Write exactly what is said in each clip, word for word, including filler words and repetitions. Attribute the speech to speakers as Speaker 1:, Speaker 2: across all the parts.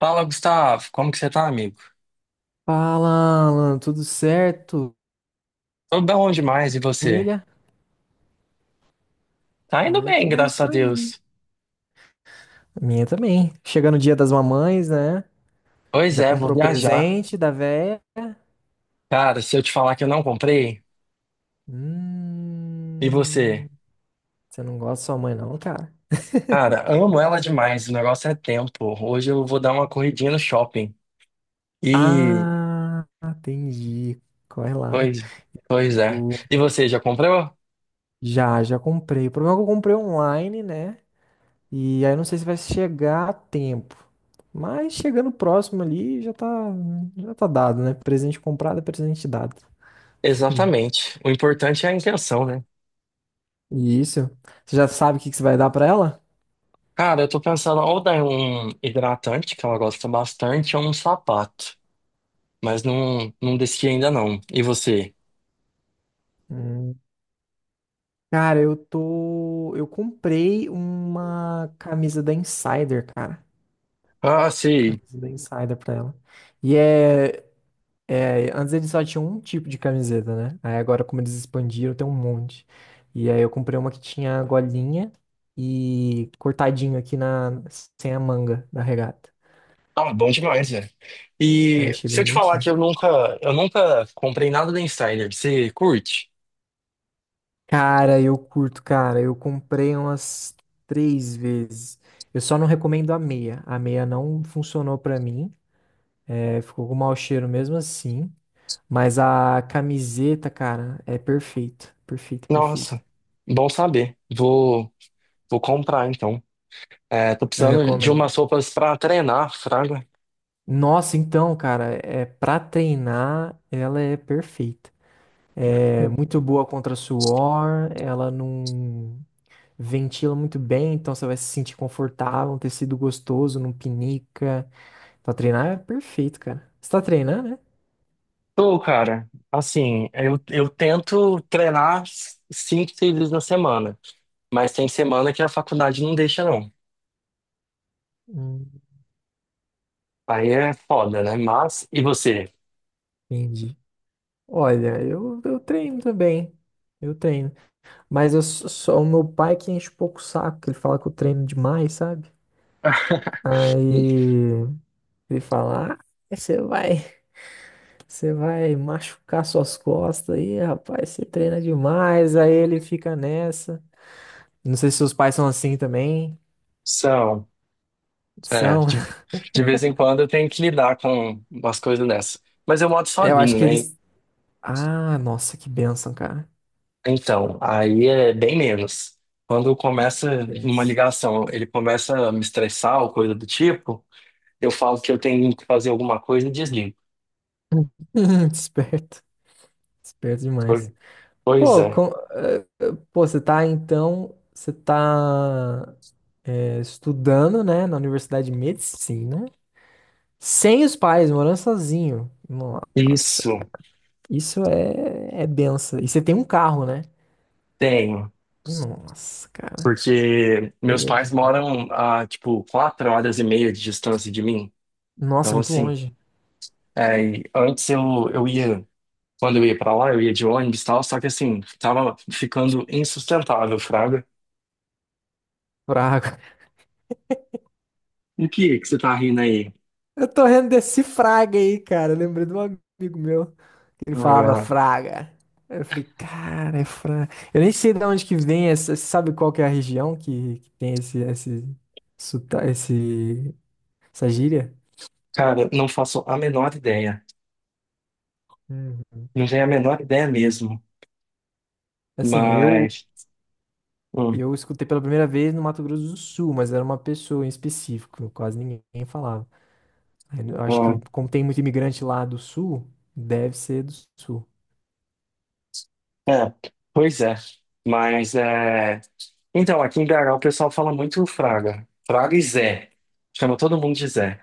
Speaker 1: Fala, Gustavo. Como que você tá, amigo?
Speaker 2: Fala, Alan, tudo certo?
Speaker 1: Tô bom demais, e você?
Speaker 2: Família?
Speaker 1: Tá indo
Speaker 2: Ah, eu
Speaker 1: bem,
Speaker 2: tô,
Speaker 1: graças a
Speaker 2: tô indo.
Speaker 1: Deus.
Speaker 2: A minha também. Chegando o dia das mamães, né?
Speaker 1: Pois
Speaker 2: Já
Speaker 1: é, vou
Speaker 2: comprou
Speaker 1: viajar.
Speaker 2: presente da véia?
Speaker 1: Cara, se eu te falar que eu não comprei, e você?
Speaker 2: Hum, Você não gosta da sua mãe, não, cara?
Speaker 1: Cara, amo ela demais, o negócio é tempo. Hoje eu vou dar uma corridinha no shopping. E...
Speaker 2: Ah, entendi. Corre lá.
Speaker 1: Pois, pois é.
Speaker 2: O-
Speaker 1: E você, já comprou?
Speaker 2: Já, já comprei. O problema é que eu comprei online, né? E aí eu não sei se vai chegar a tempo. Mas chegando próximo ali, já tá, já tá dado, né? Presente comprado é presente dado.
Speaker 1: Exatamente. O importante é a intenção, né?
Speaker 2: Isso. Você já sabe o que que você vai dar pra ela?
Speaker 1: Cara, eu tô pensando ou dar um hidratante, que ela gosta bastante, ou um sapato. Mas não, não decidi ainda não. E você?
Speaker 2: Hum. Cara, eu tô. Eu comprei uma camisa da Insider, cara.
Speaker 1: Ah, sim.
Speaker 2: Camisa da Insider pra ela. E é. é, Antes eles só tinham um tipo de camiseta, né? Aí agora, como eles expandiram, tem um monte. E aí eu comprei uma que tinha golinha e cortadinho aqui na sem a manga da regata.
Speaker 1: Ah, bom demais, velho.
Speaker 2: Aí eu
Speaker 1: E
Speaker 2: achei
Speaker 1: se
Speaker 2: bem
Speaker 1: eu te falar que
Speaker 2: bonitinho.
Speaker 1: eu nunca, eu nunca comprei nada da Insider, você curte?
Speaker 2: Cara, eu curto, cara. Eu comprei umas três vezes. Eu só não recomendo a meia. A meia não funcionou pra mim. É, ficou com mau cheiro mesmo assim. Mas a camiseta, cara, é perfeita. Perfeita, perfeita.
Speaker 1: Nossa, bom saber. Vou, vou comprar então. É, tô
Speaker 2: Eu
Speaker 1: precisando de
Speaker 2: recomendo.
Speaker 1: umas roupas pra treinar, fraga.
Speaker 2: Nossa, então, cara, é para treinar, ela é perfeita. É muito boa contra suor, ela não ventila muito bem, então você vai se sentir confortável, um tecido gostoso, não pinica. Pra treinar é perfeito, cara. Você tá treinando, né?
Speaker 1: Tô, cara. Assim, eu, eu tento treinar cinco, seis vezes na semana, mas tem semana que a faculdade não deixa, não.
Speaker 2: Hum,
Speaker 1: Aí é foda, né? Mas, e você?
Speaker 2: Entendi. Olha, eu, eu treino também. Eu treino. Mas eu sou, sou- o meu pai que enche um pouco o saco, que ele fala que eu treino demais, sabe? Aí ele fala: Ah, você vai, você vai machucar suas costas aí, rapaz, você treina demais. Aí ele fica nessa. Não sei se seus pais são assim também.
Speaker 1: São. É,
Speaker 2: São.
Speaker 1: de, de vez em quando eu tenho que lidar com umas coisas dessa. Mas eu moro
Speaker 2: Eu acho
Speaker 1: sozinho,
Speaker 2: que
Speaker 1: né?
Speaker 2: eles. Ah, nossa, que bênção, cara.
Speaker 1: Então, aí é bem menos. Quando começa
Speaker 2: Que
Speaker 1: uma
Speaker 2: bênção.
Speaker 1: ligação, ele começa a me estressar ou coisa do tipo, eu falo que eu tenho que fazer alguma coisa e desligo.
Speaker 2: Esperto. Esperto demais.
Speaker 1: Po- Pois
Speaker 2: Pô,
Speaker 1: é.
Speaker 2: com- eh, eh, pô, você tá então, você tá eh, estudando, né, na Universidade de Medicina, sem os pais, morando sozinho. Nossa,
Speaker 1: Isso,
Speaker 2: cara, isso é, é benção. E você tem um carro, né?
Speaker 1: tenho.
Speaker 2: Nossa, cara,
Speaker 1: Porque meus
Speaker 2: é
Speaker 1: pais
Speaker 2: demais.
Speaker 1: moram a, tipo, quatro horas e meia de distância de mim.
Speaker 2: Nossa, é
Speaker 1: Então,
Speaker 2: muito
Speaker 1: assim,
Speaker 2: longe.
Speaker 1: é, e antes eu, eu ia. Quando eu ia pra lá, eu ia de ônibus e tal, só que assim, tava ficando insustentável, Fraga.
Speaker 2: Fraga.
Speaker 1: O que é que você tá rindo aí?
Speaker 2: Eu tô rendendo desse fraga aí, cara. Eu lembrei de um amigo meu. Ele falava
Speaker 1: Ah,
Speaker 2: Fraga. Aí eu falei, cara, é Fraga. Eu nem sei de onde que vem essa. Você sabe qual que é a região que, que tem esse, esse, sota- esse, essa gíria?
Speaker 1: cara, não faço a menor ideia.
Speaker 2: Uhum.
Speaker 1: Não tenho a menor ideia mesmo.
Speaker 2: Assim, eu,
Speaker 1: Mas. hum,
Speaker 2: eu escutei pela primeira vez no Mato Grosso do Sul, mas era uma pessoa em específico, quase ninguém falava. Aí eu acho que,
Speaker 1: hum,
Speaker 2: como tem muito imigrante lá do Sul, deve ser do Sul.
Speaker 1: é, pois é. Mas é. Então, aqui em B H o pessoal fala muito Fraga. Fraga e Zé. Chama todo mundo de Zé.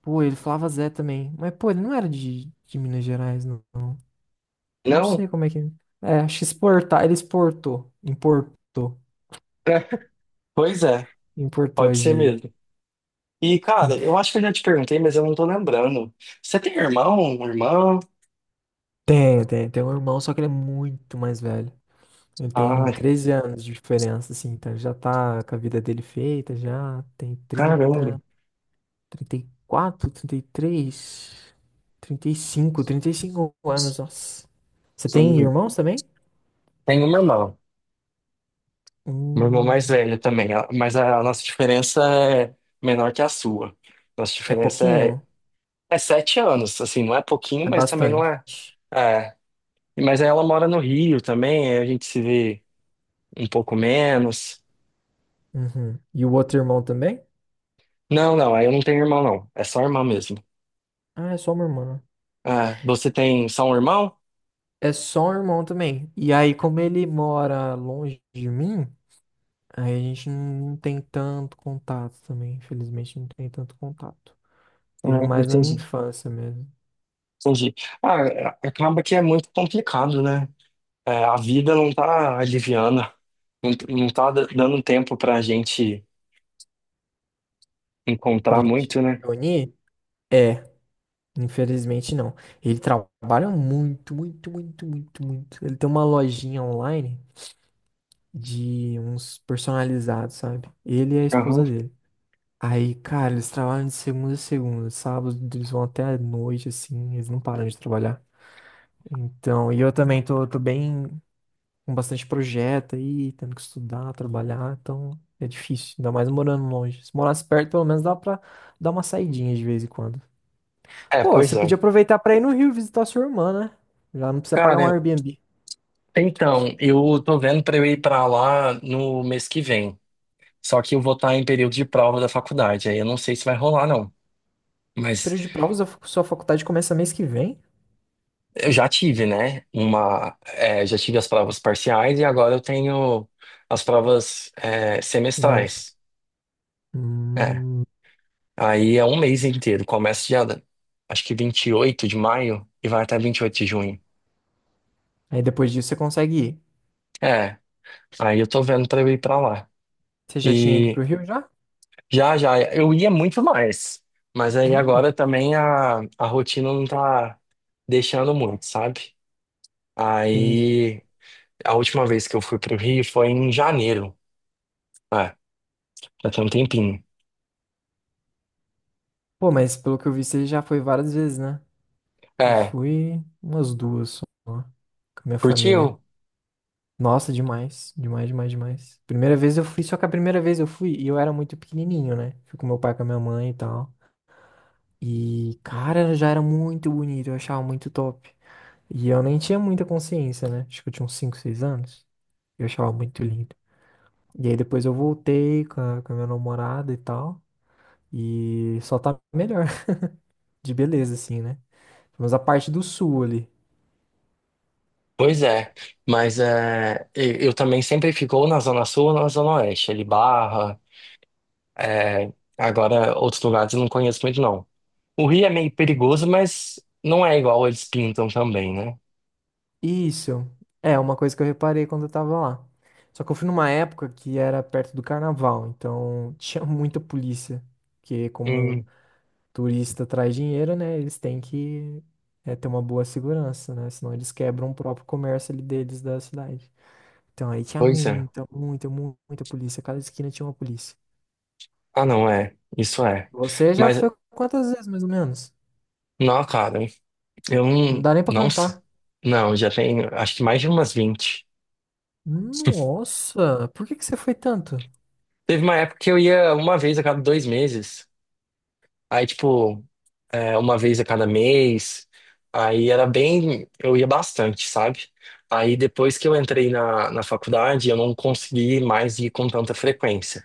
Speaker 2: Pô, ele falava Zé também. Mas, pô, ele não era de, de Minas Gerais, não. Não
Speaker 1: Não?
Speaker 2: sei como é que. É, É, acho que exportar. Ele exportou. Importou.
Speaker 1: É, pois é,
Speaker 2: Importou a
Speaker 1: pode ser
Speaker 2: gíria.
Speaker 1: mesmo. E, cara, eu acho que eu já te perguntei, mas eu não tô lembrando. Você tem irmão, irmã?
Speaker 2: Tem, tem. Tem um irmão, só que ele é muito mais velho. Ele tem
Speaker 1: Ah,
Speaker 2: treze anos de diferença, assim. Então ele já tá com a vida dele feita, já tem
Speaker 1: caramba.
Speaker 2: trinta, trinta trinta trinta e e quatro, três, trinta e cinco, trinta e cinco anos. Nossa. Você tem
Speaker 1: Sim.
Speaker 2: irmãos também?
Speaker 1: Tenho uma irmã. Uma irmã mais
Speaker 2: Hum,
Speaker 1: velha também. ela- Mas a nossa diferença é menor que a sua. Nossa
Speaker 2: é
Speaker 1: diferença é,
Speaker 2: pouquinho?
Speaker 1: é sete anos. Assim, não é pouquinho,
Speaker 2: É
Speaker 1: mas também não
Speaker 2: bastante.
Speaker 1: é. É. Mas ela mora no Rio também. aí A gente se vê um pouco menos.
Speaker 2: Uhum. E o outro irmão também?
Speaker 1: Não, não. Aí eu não tenho irmão, não. É só irmã mesmo.
Speaker 2: Ah, é só uma irmã.
Speaker 1: Ah, você tem só um irmão?
Speaker 2: É só um irmão também. E aí, como ele mora longe de mim, aí a gente não tem tanto contato também. Infelizmente, não tem tanto contato.
Speaker 1: Ah,
Speaker 2: Teve mais na minha
Speaker 1: entendi.
Speaker 2: infância mesmo.
Speaker 1: Entendi. Ah, acaba que é muito complicado, né? É, a vida não tá aliviando, não, não tá da- dando tempo pra gente
Speaker 2: Pra
Speaker 1: encontrar
Speaker 2: gente se
Speaker 1: muito, né?
Speaker 2: reunir? É, infelizmente não. Ele trabalha muito, muito, muito, muito, muito. Ele tem uma lojinha online de uns personalizados, sabe? Ele e a
Speaker 1: Aham.
Speaker 2: esposa dele. Aí, cara, eles trabalham de segunda a segunda. Sábado, eles vão até a noite, assim. Eles não param de trabalhar. Então, e eu também tô, tô bem com bastante projeto aí, tendo que estudar, trabalhar, então é difícil, ainda mais morando longe. Se morasse perto, pelo menos dá pra dar uma saidinha de vez em quando.
Speaker 1: É,
Speaker 2: Pô,
Speaker 1: pois
Speaker 2: você podia
Speaker 1: é.
Speaker 2: aproveitar pra ir no Rio visitar sua irmã, né? Já não precisa pagar um
Speaker 1: Cara,
Speaker 2: Airbnb.
Speaker 1: então, eu tô vendo pra eu ir pra lá no mês que vem. Só que eu vou estar em período de prova da faculdade, aí eu não sei se vai rolar, não. Mas
Speaker 2: Período de provas, a fa- sua faculdade começa mês que vem.
Speaker 1: eu já tive, né? Uma, é, já tive as provas parciais e agora eu tenho as provas, é,
Speaker 2: Finais.
Speaker 1: semestrais. É,
Speaker 2: Hum,
Speaker 1: Aí é um mês inteiro. Começa dia, acho que vinte e oito de maio e vai até vinte e oito de junho.
Speaker 2: aí depois disso você consegue ir.
Speaker 1: É, aí eu tô vendo pra eu ir pra lá.
Speaker 2: Você já tinha ido
Speaker 1: E
Speaker 2: pro Rio já?
Speaker 1: já, já, eu ia muito mais. Mas aí
Speaker 2: Hum,
Speaker 1: agora também a, a rotina não tá deixando muito, sabe?
Speaker 2: entendi.
Speaker 1: Aí a última vez que eu fui pro Rio foi em janeiro. É, já tem um tempinho.
Speaker 2: Pô, mas pelo que eu vi, você já foi várias vezes, né? Eu
Speaker 1: É,
Speaker 2: fui umas duas só, com a minha família.
Speaker 1: curtiu?
Speaker 2: Nossa, demais, demais, demais, demais. Primeira vez eu fui, só que a primeira vez eu fui e eu era muito pequenininho, né? Fui com meu pai, com a minha mãe e tal. E, cara, já era muito bonito, eu achava muito top. E eu nem tinha muita consciência, né? Acho que eu tinha uns cinco seis anos. Eu achava muito lindo. E aí depois eu voltei com a, com a minha namorada e tal. E só tá melhor de beleza, assim, né? Mas a parte do sul ali.
Speaker 1: Pois é, mas é, eu eu também sempre fico ou na Zona Sul ou na Zona Oeste, ali Barra, É, agora, outros lugares eu não conheço muito, não. O Rio é meio perigoso, mas não é igual eles pintam também, né?
Speaker 2: Isso. É uma coisa que eu reparei quando eu tava lá. Só que eu fui numa época que era perto do carnaval, então tinha muita polícia. Porque como
Speaker 1: Hum,
Speaker 2: turista traz dinheiro, né? Eles têm que é, ter uma boa segurança, né? Senão eles quebram o próprio comércio ali deles da cidade. Então aí tinha
Speaker 1: pois é.
Speaker 2: muita, muita, mu- muita polícia. Cada esquina tinha uma polícia.
Speaker 1: Ah, não, é. Isso é.
Speaker 2: Você já
Speaker 1: Mas,
Speaker 2: foi quantas vezes, mais ou menos?
Speaker 1: não, cara, eu
Speaker 2: Não
Speaker 1: não.
Speaker 2: dá nem pra
Speaker 1: Não sei.
Speaker 2: cantar.
Speaker 1: Não, já tenho, acho que mais de umas vinte
Speaker 2: Nossa, por que que você foi tanto?
Speaker 1: Teve uma época que eu ia uma vez a cada dois meses. Aí, tipo, é, uma vez a cada mês. Aí era bem. Eu ia bastante, sabe? Aí depois que eu entrei na, na faculdade, eu não consegui mais ir com tanta frequência,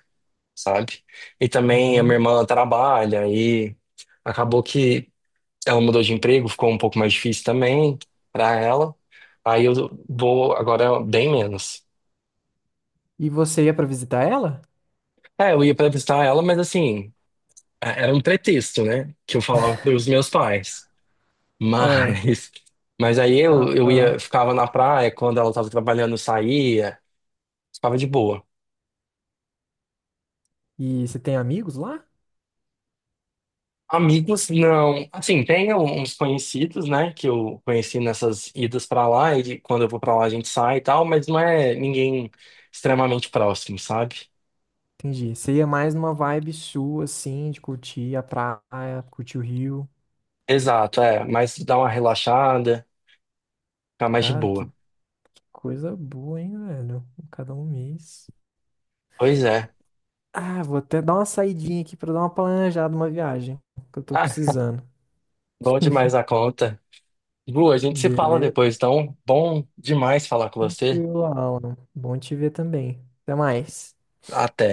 Speaker 1: sabe? E também a minha
Speaker 2: Uhum.
Speaker 1: irmã trabalha e acabou que ela mudou de emprego, ficou um pouco mais difícil também pra ela. Aí eu vou agora bem menos.
Speaker 2: E você ia pra visitar ela?
Speaker 1: É, eu ia pra visitar ela, mas assim, é- era um pretexto, né? Que eu falava pros meus pais.
Speaker 2: Ah,
Speaker 1: Mas, mas aí
Speaker 2: ah,
Speaker 1: eu, eu
Speaker 2: ah.
Speaker 1: ia, ficava na praia, quando ela estava trabalhando, eu saía, ficava de boa.
Speaker 2: E você tem amigos lá?
Speaker 1: Amigos, não. Assim, tem uns conhecidos, né, que eu conheci nessas idas pra lá, e de- quando eu vou pra lá a gente sai e tal, mas não é ninguém extremamente próximo, sabe?
Speaker 2: Entendi. Você ia mais numa vibe sua, assim, de curtir a praia, curtir o rio.
Speaker 1: Exato, é, mas dá uma relaxada, fica mais de
Speaker 2: Cara, que
Speaker 1: boa.
Speaker 2: que coisa boa, hein, velho? Cada um mês.
Speaker 1: Pois é.
Speaker 2: Ah, vou até dar uma saidinha aqui pra dar uma planejada, uma viagem que eu tô
Speaker 1: Ah,
Speaker 2: precisando.
Speaker 1: bom demais a conta. Bu, a gente se fala
Speaker 2: Beleza?
Speaker 1: depois, então, bom demais falar com você.
Speaker 2: Tranquilo, Alan. Bom te ver também. Até mais.
Speaker 1: Até.